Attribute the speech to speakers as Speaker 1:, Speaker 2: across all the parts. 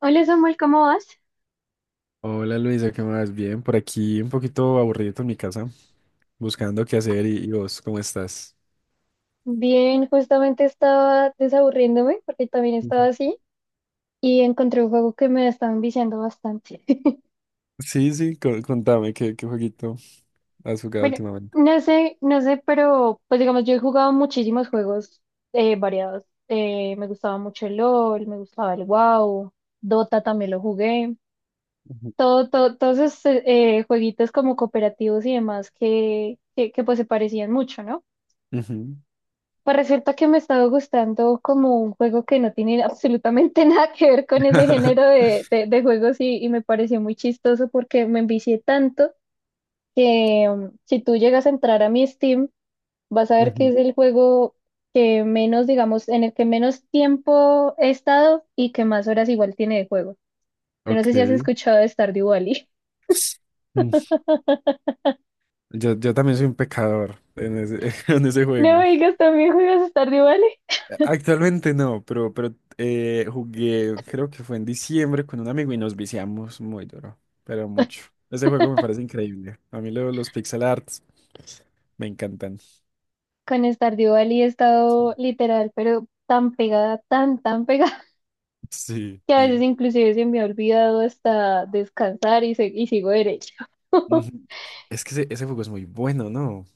Speaker 1: Hola Samuel, ¿cómo vas?
Speaker 2: Hola Luisa, ¿qué más? Bien, por aquí un poquito aburrido en mi casa, buscando qué hacer y vos, ¿cómo estás?
Speaker 1: Bien, justamente estaba desaburriéndome porque también estaba
Speaker 2: Ujú.
Speaker 1: así y encontré un juego que me estaba enviciando bastante.
Speaker 2: Sí, sí, contame qué, qué jueguito has jugado
Speaker 1: Bueno,
Speaker 2: últimamente.
Speaker 1: no sé, pero pues digamos, yo he jugado muchísimos juegos variados. Me gustaba mucho el LOL, me gustaba el WoW, Dota también lo jugué.
Speaker 2: Ujú.
Speaker 1: Todo, todo, todos esos jueguitos como cooperativos y demás que pues se parecían mucho, ¿no?
Speaker 2: Ujú.
Speaker 1: Pues resulta que me estaba gustando como un juego que no tiene absolutamente nada que ver con ese género de juegos y me pareció muy chistoso porque me envicié tanto que si tú llegas a entrar a mi Steam, vas a ver que
Speaker 2: Ujú.
Speaker 1: es el juego que menos, digamos, en el que menos tiempo he estado y que más horas igual tiene de juego. Yo no sé
Speaker 2: Ok.
Speaker 1: si has escuchado de Stardew Valley.
Speaker 2: Mm. Yo también soy un pecador en ese, en ese
Speaker 1: No
Speaker 2: juego.
Speaker 1: me digas, ¿también juegas Stardew Valley?
Speaker 2: Actualmente no, pero jugué, creo que fue en diciembre con un amigo y nos viciamos muy duro, pero mucho. Ese juego me parece increíble. A mí los pixel arts me encantan.
Speaker 1: Con Stardew Valley he
Speaker 2: Sí.
Speaker 1: estado literal, pero tan pegada, tan pegada
Speaker 2: Sí,
Speaker 1: que a veces
Speaker 2: sí.
Speaker 1: inclusive se me ha olvidado hasta descansar y, y sigo derecho.
Speaker 2: Ujú. Es que ese juego es muy bueno, ¿no?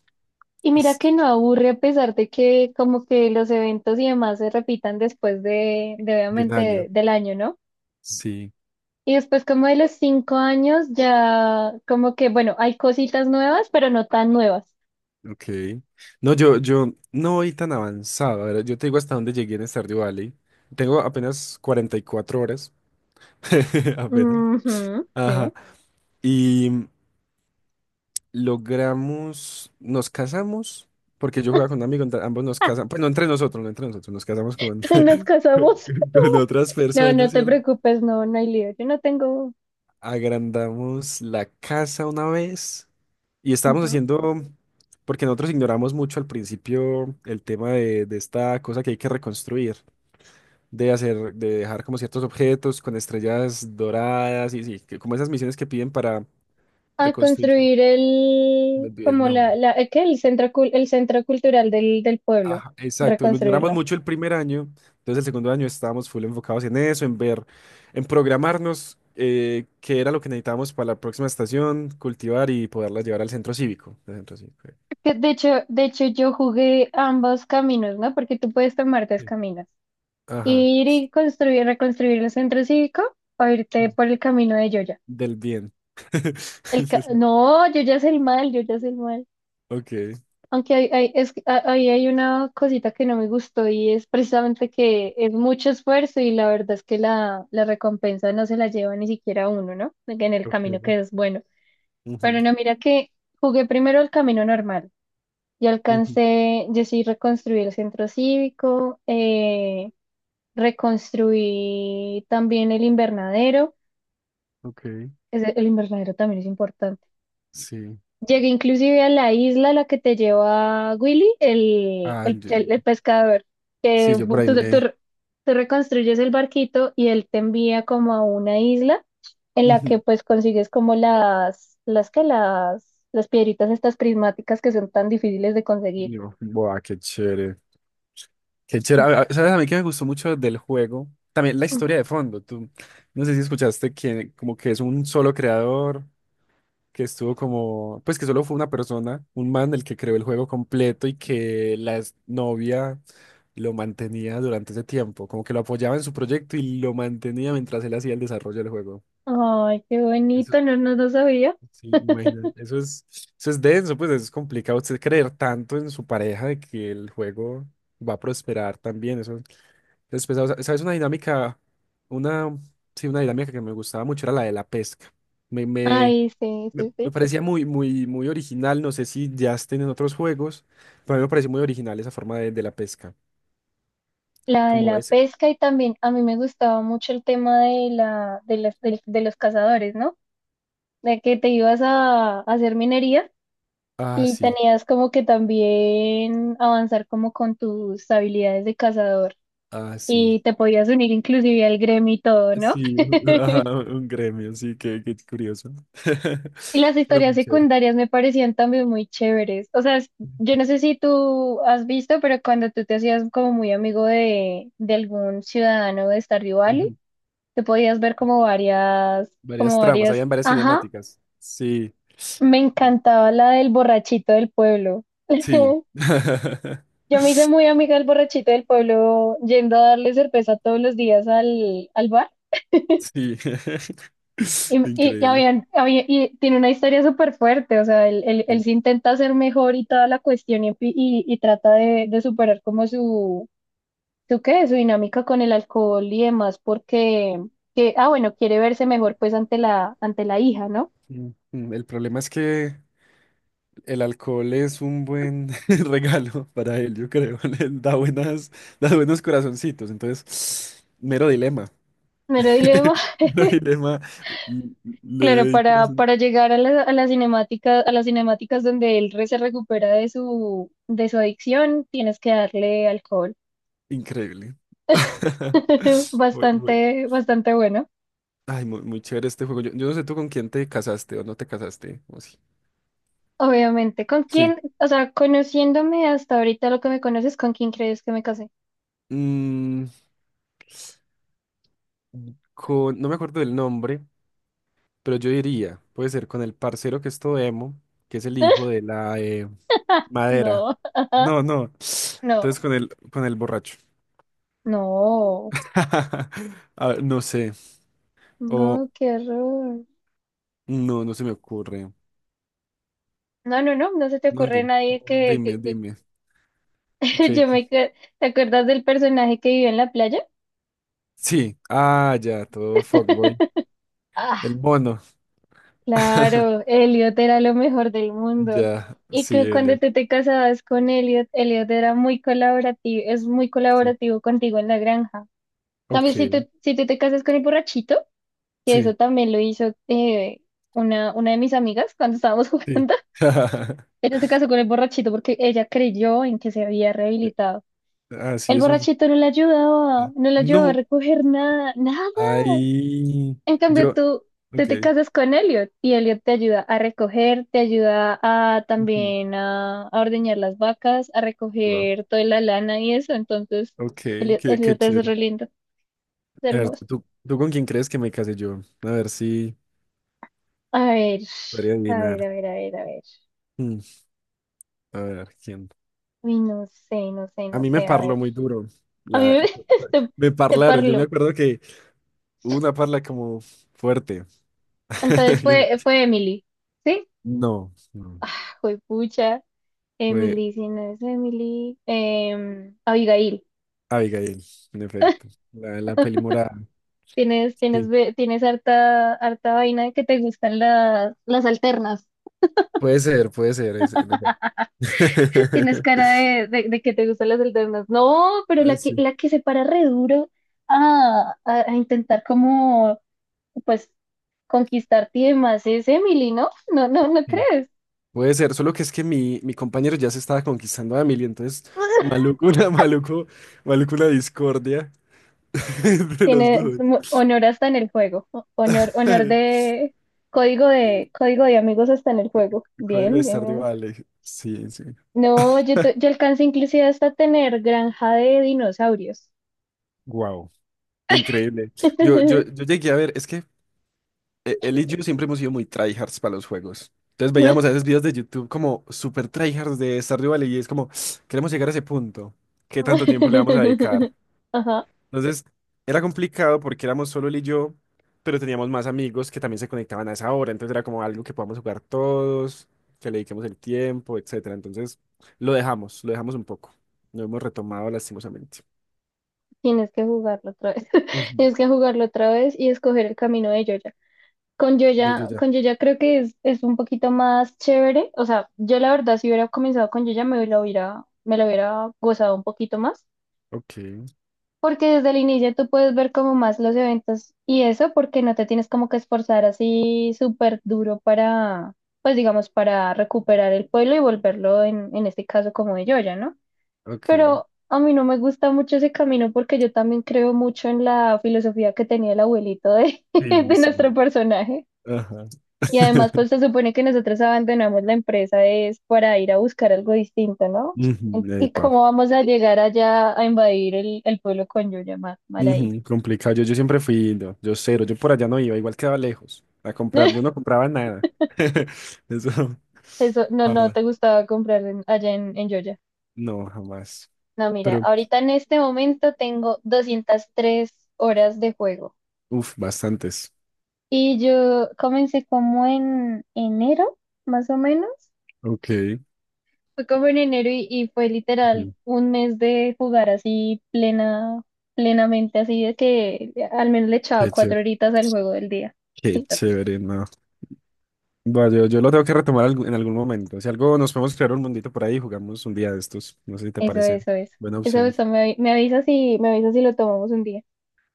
Speaker 1: Y mira que
Speaker 2: Es
Speaker 1: no aburre a pesar de que como que los eventos y demás se repitan después de
Speaker 2: de un
Speaker 1: obviamente
Speaker 2: año.
Speaker 1: del año, ¿no?
Speaker 2: Sí.
Speaker 1: Y después como de los 5 años ya como que, bueno, hay cositas nuevas, pero no tan nuevas.
Speaker 2: Ok. No, yo no voy tan avanzado. A ver, yo te digo hasta dónde llegué en Stardew Valley. Tengo apenas 44 horas. Apenas.
Speaker 1: Ujú,
Speaker 2: Ajá.
Speaker 1: sí.
Speaker 2: Y logramos, nos casamos, porque yo jugaba con un amigo, ambos nos
Speaker 1: Ah,
Speaker 2: casamos, pues no entre nosotros, no entre nosotros, nos casamos con,
Speaker 1: nos casamos.
Speaker 2: con otras
Speaker 1: No,
Speaker 2: personas,
Speaker 1: no te
Speaker 2: ¿cierto?
Speaker 1: preocupes, no, no hay lío. Yo no tengo...
Speaker 2: Agrandamos la casa una vez y estábamos
Speaker 1: ujú.
Speaker 2: haciendo, porque nosotros ignoramos mucho al principio el tema de esta cosa que hay que reconstruir, de hacer, de dejar como ciertos objetos con estrellas doradas y sí, que- como esas misiones que piden para
Speaker 1: A
Speaker 2: reconstruir.
Speaker 1: construir
Speaker 2: Me
Speaker 1: el,
Speaker 2: olvidé el
Speaker 1: como
Speaker 2: nombre.
Speaker 1: la, ¿qué? El centro, el centro cultural del pueblo,
Speaker 2: Ajá, exacto, lo ignoramos
Speaker 1: reconstruirlo.
Speaker 2: mucho el primer año, entonces el segundo año estábamos full enfocados en eso, en ver, en programarnos qué era lo que necesitábamos para la próxima estación, cultivar y poderla llevar al centro cívico. Al centro cívico.
Speaker 1: Que de hecho, yo jugué ambos caminos, ¿no? Porque tú puedes tomar dos
Speaker 2: Sí.
Speaker 1: caminos.
Speaker 2: Ajá.
Speaker 1: Ir y construir, reconstruir el centro cívico o irte
Speaker 2: Mm,
Speaker 1: por el camino de Yoya.
Speaker 2: del bien.
Speaker 1: No, Yoya es el mal, Yoya es el mal.
Speaker 2: Ok.
Speaker 1: Aunque ahí hay una cosita que no me gustó y es precisamente que es mucho esfuerzo y la verdad es que la recompensa no se la lleva ni siquiera uno, ¿no? En el camino
Speaker 2: Okay.
Speaker 1: que es bueno.
Speaker 2: Ujú.
Speaker 1: Pero no, mira que jugué primero el camino normal y
Speaker 2: Ujú.
Speaker 1: alcancé, yo sí reconstruí el centro cívico, reconstruí también el invernadero.
Speaker 2: Ok.
Speaker 1: El invernadero también es importante.
Speaker 2: Sí.
Speaker 1: Llegué inclusive a la isla a la que te lleva Willy,
Speaker 2: Ah,
Speaker 1: el
Speaker 2: yo-
Speaker 1: pescador,
Speaker 2: sí,
Speaker 1: que
Speaker 2: yo por ahí me...
Speaker 1: tú reconstruyes el barquito y él te envía como a una isla en la
Speaker 2: ujú.
Speaker 1: que pues consigues como las piedritas estas prismáticas que son tan difíciles de conseguir.
Speaker 2: Yo, buah, qué chévere. Qué chévere. ¿Sabes a mí que me gustó mucho del juego? También la
Speaker 1: Ujú.
Speaker 2: historia de fondo. Tú, no sé si escuchaste que como que es un solo creador, que estuvo como, pues que solo fue una persona, un man el que creó el juego completo y que la novia lo mantenía durante ese tiempo, como que lo apoyaba en su proyecto y lo mantenía mientras él hacía el desarrollo del juego.
Speaker 1: Ay, qué
Speaker 2: Eso,
Speaker 1: bonito, no, no, no sabía.
Speaker 2: sí, imagínate. Eso es denso, pues es complicado. Usted creer tanto en su pareja de que el juego va a prosperar también. Eso. Después, o sea, ¿sabes? Una dinámica, una, sí, una dinámica que me gustaba mucho era la de la pesca. Me, me,
Speaker 1: Ay, sí, sí,
Speaker 2: me
Speaker 1: sí.
Speaker 2: parecía muy, muy, muy original. No sé si ya estén en otros juegos, pero a mí me pareció muy original esa forma de la pesca.
Speaker 1: La de
Speaker 2: Como
Speaker 1: la
Speaker 2: ese.
Speaker 1: pesca y también a mí me gustaba mucho el tema de la, de las, del- de los cazadores, ¿no? De que te ibas a hacer minería
Speaker 2: Ah,
Speaker 1: y
Speaker 2: sí,
Speaker 1: tenías como que también avanzar como con tus habilidades de cazador
Speaker 2: ah, sí.
Speaker 1: y te podías unir inclusive al gremio y todo, ¿no?
Speaker 2: Sí, ajá, un gremio, sí, qué curioso.
Speaker 1: Y las
Speaker 2: Era
Speaker 1: historias
Speaker 2: muy chévere.
Speaker 1: secundarias me parecían también muy chéveres. O sea, yo no sé si tú has visto, pero cuando tú te hacías como muy amigo de algún ciudadano de Stardew Valley,
Speaker 2: Ujú.
Speaker 1: te podías ver
Speaker 2: Varias
Speaker 1: como
Speaker 2: tramas,
Speaker 1: varias,
Speaker 2: habían varias
Speaker 1: ajá,
Speaker 2: cinemáticas. Sí,
Speaker 1: me encantaba la del borrachito del pueblo.
Speaker 2: sí.
Speaker 1: Yo me hice muy amiga del borrachito del pueblo yendo a darle cerveza todos los días al bar.
Speaker 2: Sí. Increíble.
Speaker 1: Y tiene una historia súper fuerte, o sea, él
Speaker 2: Sí.
Speaker 1: se intenta hacer mejor y toda la cuestión y y trata de superar como ¿qué? Su dinámica con el alcohol y demás, porque, que, ah, bueno, quiere verse mejor pues ante ante la hija, ¿no?
Speaker 2: Mm, mm, el problema es que el alcohol es un buen regalo para él, yo creo. Da buenos corazoncitos. Entonces, mero dilema.
Speaker 1: Mero dilema.
Speaker 2: Mero dilema. Mm. Le
Speaker 1: Claro,
Speaker 2: doy corazón.
Speaker 1: para llegar a a la cinemática, a las cinemáticas donde se recupera de su adicción, tienes que darle alcohol.
Speaker 2: Increíble. Muy,
Speaker 1: Bastante, bastante bueno,
Speaker 2: ay, muy, muy chévere este juego. Yo no sé tú con quién te casaste o no te casaste. O sí.
Speaker 1: obviamente. ¿Con
Speaker 2: Sí.
Speaker 1: quién? O sea, conociéndome hasta ahorita lo que me conoces, ¿con quién crees que me casé?
Speaker 2: Mm, con, no me acuerdo del nombre, pero yo diría, puede ser con el parcero que es todo emo, que es el hijo de la madera.
Speaker 1: No,
Speaker 2: No, no.
Speaker 1: no,
Speaker 2: Entonces con el borracho.
Speaker 1: no,
Speaker 2: A ver, no sé. O
Speaker 1: no, qué horror.
Speaker 2: no, no se me ocurre.
Speaker 1: No, no, no, no se te
Speaker 2: No,
Speaker 1: ocurre
Speaker 2: dime, no,
Speaker 1: nadie
Speaker 2: dime, dime.
Speaker 1: yo
Speaker 2: ¿Qué?
Speaker 1: me... ca- ¿Te acuerdas del personaje que vivió en la playa?
Speaker 2: Sí. Ah, ya, todo fuckboy. El mono.
Speaker 1: Claro, Elliot era lo mejor del mundo.
Speaker 2: Ya,
Speaker 1: Y
Speaker 2: sí,
Speaker 1: que cuando
Speaker 2: Elliot.
Speaker 1: tú te casabas con Elliot, Elliot era muy colaborativo, es muy
Speaker 2: Sí.
Speaker 1: colaborativo contigo en la granja. También
Speaker 2: Ok,
Speaker 1: si tú te casas con el borrachito, que
Speaker 2: sí,
Speaker 1: eso también lo hizo una de mis amigas cuando estábamos
Speaker 2: sí.
Speaker 1: jugando, ella se casó con el borrachito porque ella creyó en que se había
Speaker 2: Eh.
Speaker 1: rehabilitado.
Speaker 2: Así
Speaker 1: El
Speaker 2: es uno.
Speaker 1: borrachito no le ayudaba, no le ayudaba a
Speaker 2: No.
Speaker 1: recoger nada, nada.
Speaker 2: Ahí.
Speaker 1: En cambio,
Speaker 2: Yo.
Speaker 1: tú
Speaker 2: Ok.
Speaker 1: te casas con Elliot y Elliot te ayuda a recoger, te ayuda a
Speaker 2: Ujú.
Speaker 1: también a ordeñar las vacas, a
Speaker 2: Wow.
Speaker 1: recoger toda la lana y eso. Entonces,
Speaker 2: Ok,
Speaker 1: Elliot,
Speaker 2: qué, qué
Speaker 1: Elliot es
Speaker 2: chévere.
Speaker 1: re lindo, es
Speaker 2: A ver,
Speaker 1: hermoso.
Speaker 2: ¿tú con quién crees que me casé yo? A ver si
Speaker 1: A ver,
Speaker 2: podría adivinar.
Speaker 1: a ver.
Speaker 2: Mm, a ver, ¿quién?
Speaker 1: Uy,
Speaker 2: A
Speaker 1: no
Speaker 2: mí me
Speaker 1: sé, a
Speaker 2: parló
Speaker 1: ver.
Speaker 2: muy duro.
Speaker 1: A mí
Speaker 2: La,
Speaker 1: me, te,
Speaker 2: me
Speaker 1: te
Speaker 2: parlaron. Yo me
Speaker 1: parlo.
Speaker 2: acuerdo que hubo una parla como fuerte.
Speaker 1: Entonces
Speaker 2: Yo no,
Speaker 1: fue, fue Emily, ¿sí?
Speaker 2: no. No.
Speaker 1: Fue pucha,
Speaker 2: Fue
Speaker 1: Emily, si no es Emily, Abigail.
Speaker 2: Abigail, en efecto. La peli morada.
Speaker 1: Tienes, tienes,
Speaker 2: Sí.
Speaker 1: tienes harta, harta vaina de que te gustan las alternas.
Speaker 2: Puede ser, en efecto.
Speaker 1: Tienes cara de que te gustan las alternas. No, pero
Speaker 2: Ah,
Speaker 1: la que se para re duro a intentar como, pues, conquistarte y demás es Emily, ¿no? No, no, ¿no
Speaker 2: sí.
Speaker 1: crees?
Speaker 2: Puede ser, solo que es que mi compañero ya se estaba conquistando a Emily, entonces maluco, maluco una discordia entre los
Speaker 1: Tiene
Speaker 2: dos.
Speaker 1: honor hasta en el juego. Honor, honor de código de
Speaker 2: Sí.
Speaker 1: código de amigos hasta en el juego.
Speaker 2: Código de
Speaker 1: Bien, bien,
Speaker 2: Stardew
Speaker 1: bien.
Speaker 2: Valley. Sí, sí.
Speaker 1: No, yo, yo alcancé inclusive hasta tener granja de dinosaurios.
Speaker 2: Wow. Increíble. Yo, yo, yo llegué a ver, es que él y yo siempre hemos sido muy tryhards para los juegos. Entonces veíamos a veces videos de YouTube como super tryhards de Stardew Valley y es como, queremos llegar a ese punto. ¿Qué tanto tiempo le vamos a dedicar?
Speaker 1: Ajá,
Speaker 2: Entonces, era complicado porque éramos solo él y yo, pero teníamos más amigos que también se conectaban a esa hora. Entonces era como algo que podamos jugar todos, que le dediquemos el tiempo, etcétera. Entonces, lo dejamos un poco. Lo hemos retomado lastimosamente.
Speaker 1: tienes que jugarlo otra vez.
Speaker 2: Ujú.
Speaker 1: Tienes que jugarlo otra vez y escoger el camino de Yoya. Con
Speaker 2: Ya, ya,
Speaker 1: Yoya,
Speaker 2: ya.
Speaker 1: con Yoya creo que es un poquito más chévere. O sea, yo la verdad, si hubiera comenzado con Yoya, me lo hubiera gozado un poquito más.
Speaker 2: Ok,
Speaker 1: Porque desde el inicio tú puedes ver como más los eventos y eso, porque no te tienes como que esforzar así súper duro para, pues digamos, para recuperar el pueblo y volverlo en este caso como de Yoya, ¿no?
Speaker 2: ok.
Speaker 1: Pero a mí no me gusta mucho ese camino porque yo también creo mucho en la filosofía que tenía el abuelito
Speaker 2: Sí,
Speaker 1: de nuestro
Speaker 2: sí.
Speaker 1: personaje.
Speaker 2: Ajá.
Speaker 1: Y además, pues se supone que nosotros abandonamos la empresa es para ir a buscar algo distinto, ¿no?
Speaker 2: Ujú,
Speaker 1: ¿Y
Speaker 2: epa.
Speaker 1: cómo vamos a llegar allá a invadir el pueblo con Yoya? Mal, mal ahí.
Speaker 2: Ujú, complicado. Yo siempre fui, no, yo cero, yo por allá no iba, igual quedaba lejos a comprar, yo no compraba nada. Eso,
Speaker 1: Eso, no, no
Speaker 2: jamás.
Speaker 1: te gustaba comprar allá en Yoya.
Speaker 2: No, jamás.
Speaker 1: No, mira,
Speaker 2: Pero,
Speaker 1: ahorita en este momento tengo 203 horas de juego.
Speaker 2: uff, bastantes.
Speaker 1: Y yo comencé como en enero, más o menos.
Speaker 2: Ok.
Speaker 1: Fue como en enero y fue
Speaker 2: Ujú.
Speaker 1: literal un mes de jugar así plena, plenamente, así de que al menos le echaba
Speaker 2: Qué
Speaker 1: cuatro
Speaker 2: chévere.
Speaker 1: horitas al juego del día.
Speaker 2: Qué
Speaker 1: Y ya.
Speaker 2: chévere, no. Bueno, yo lo tengo que retomar en algún momento. Si algo nos podemos crear un mundito por ahí y jugamos un día de estos. No sé si te
Speaker 1: Eso,
Speaker 2: parece.
Speaker 1: eso, eso.
Speaker 2: Buena
Speaker 1: Eso,
Speaker 2: opción.
Speaker 1: eso, me, me avisas si lo tomamos un día.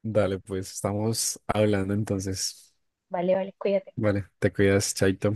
Speaker 2: Dale, pues estamos hablando entonces.
Speaker 1: Vale, vale, cuídate.
Speaker 2: Vale, te cuidas, Chaito.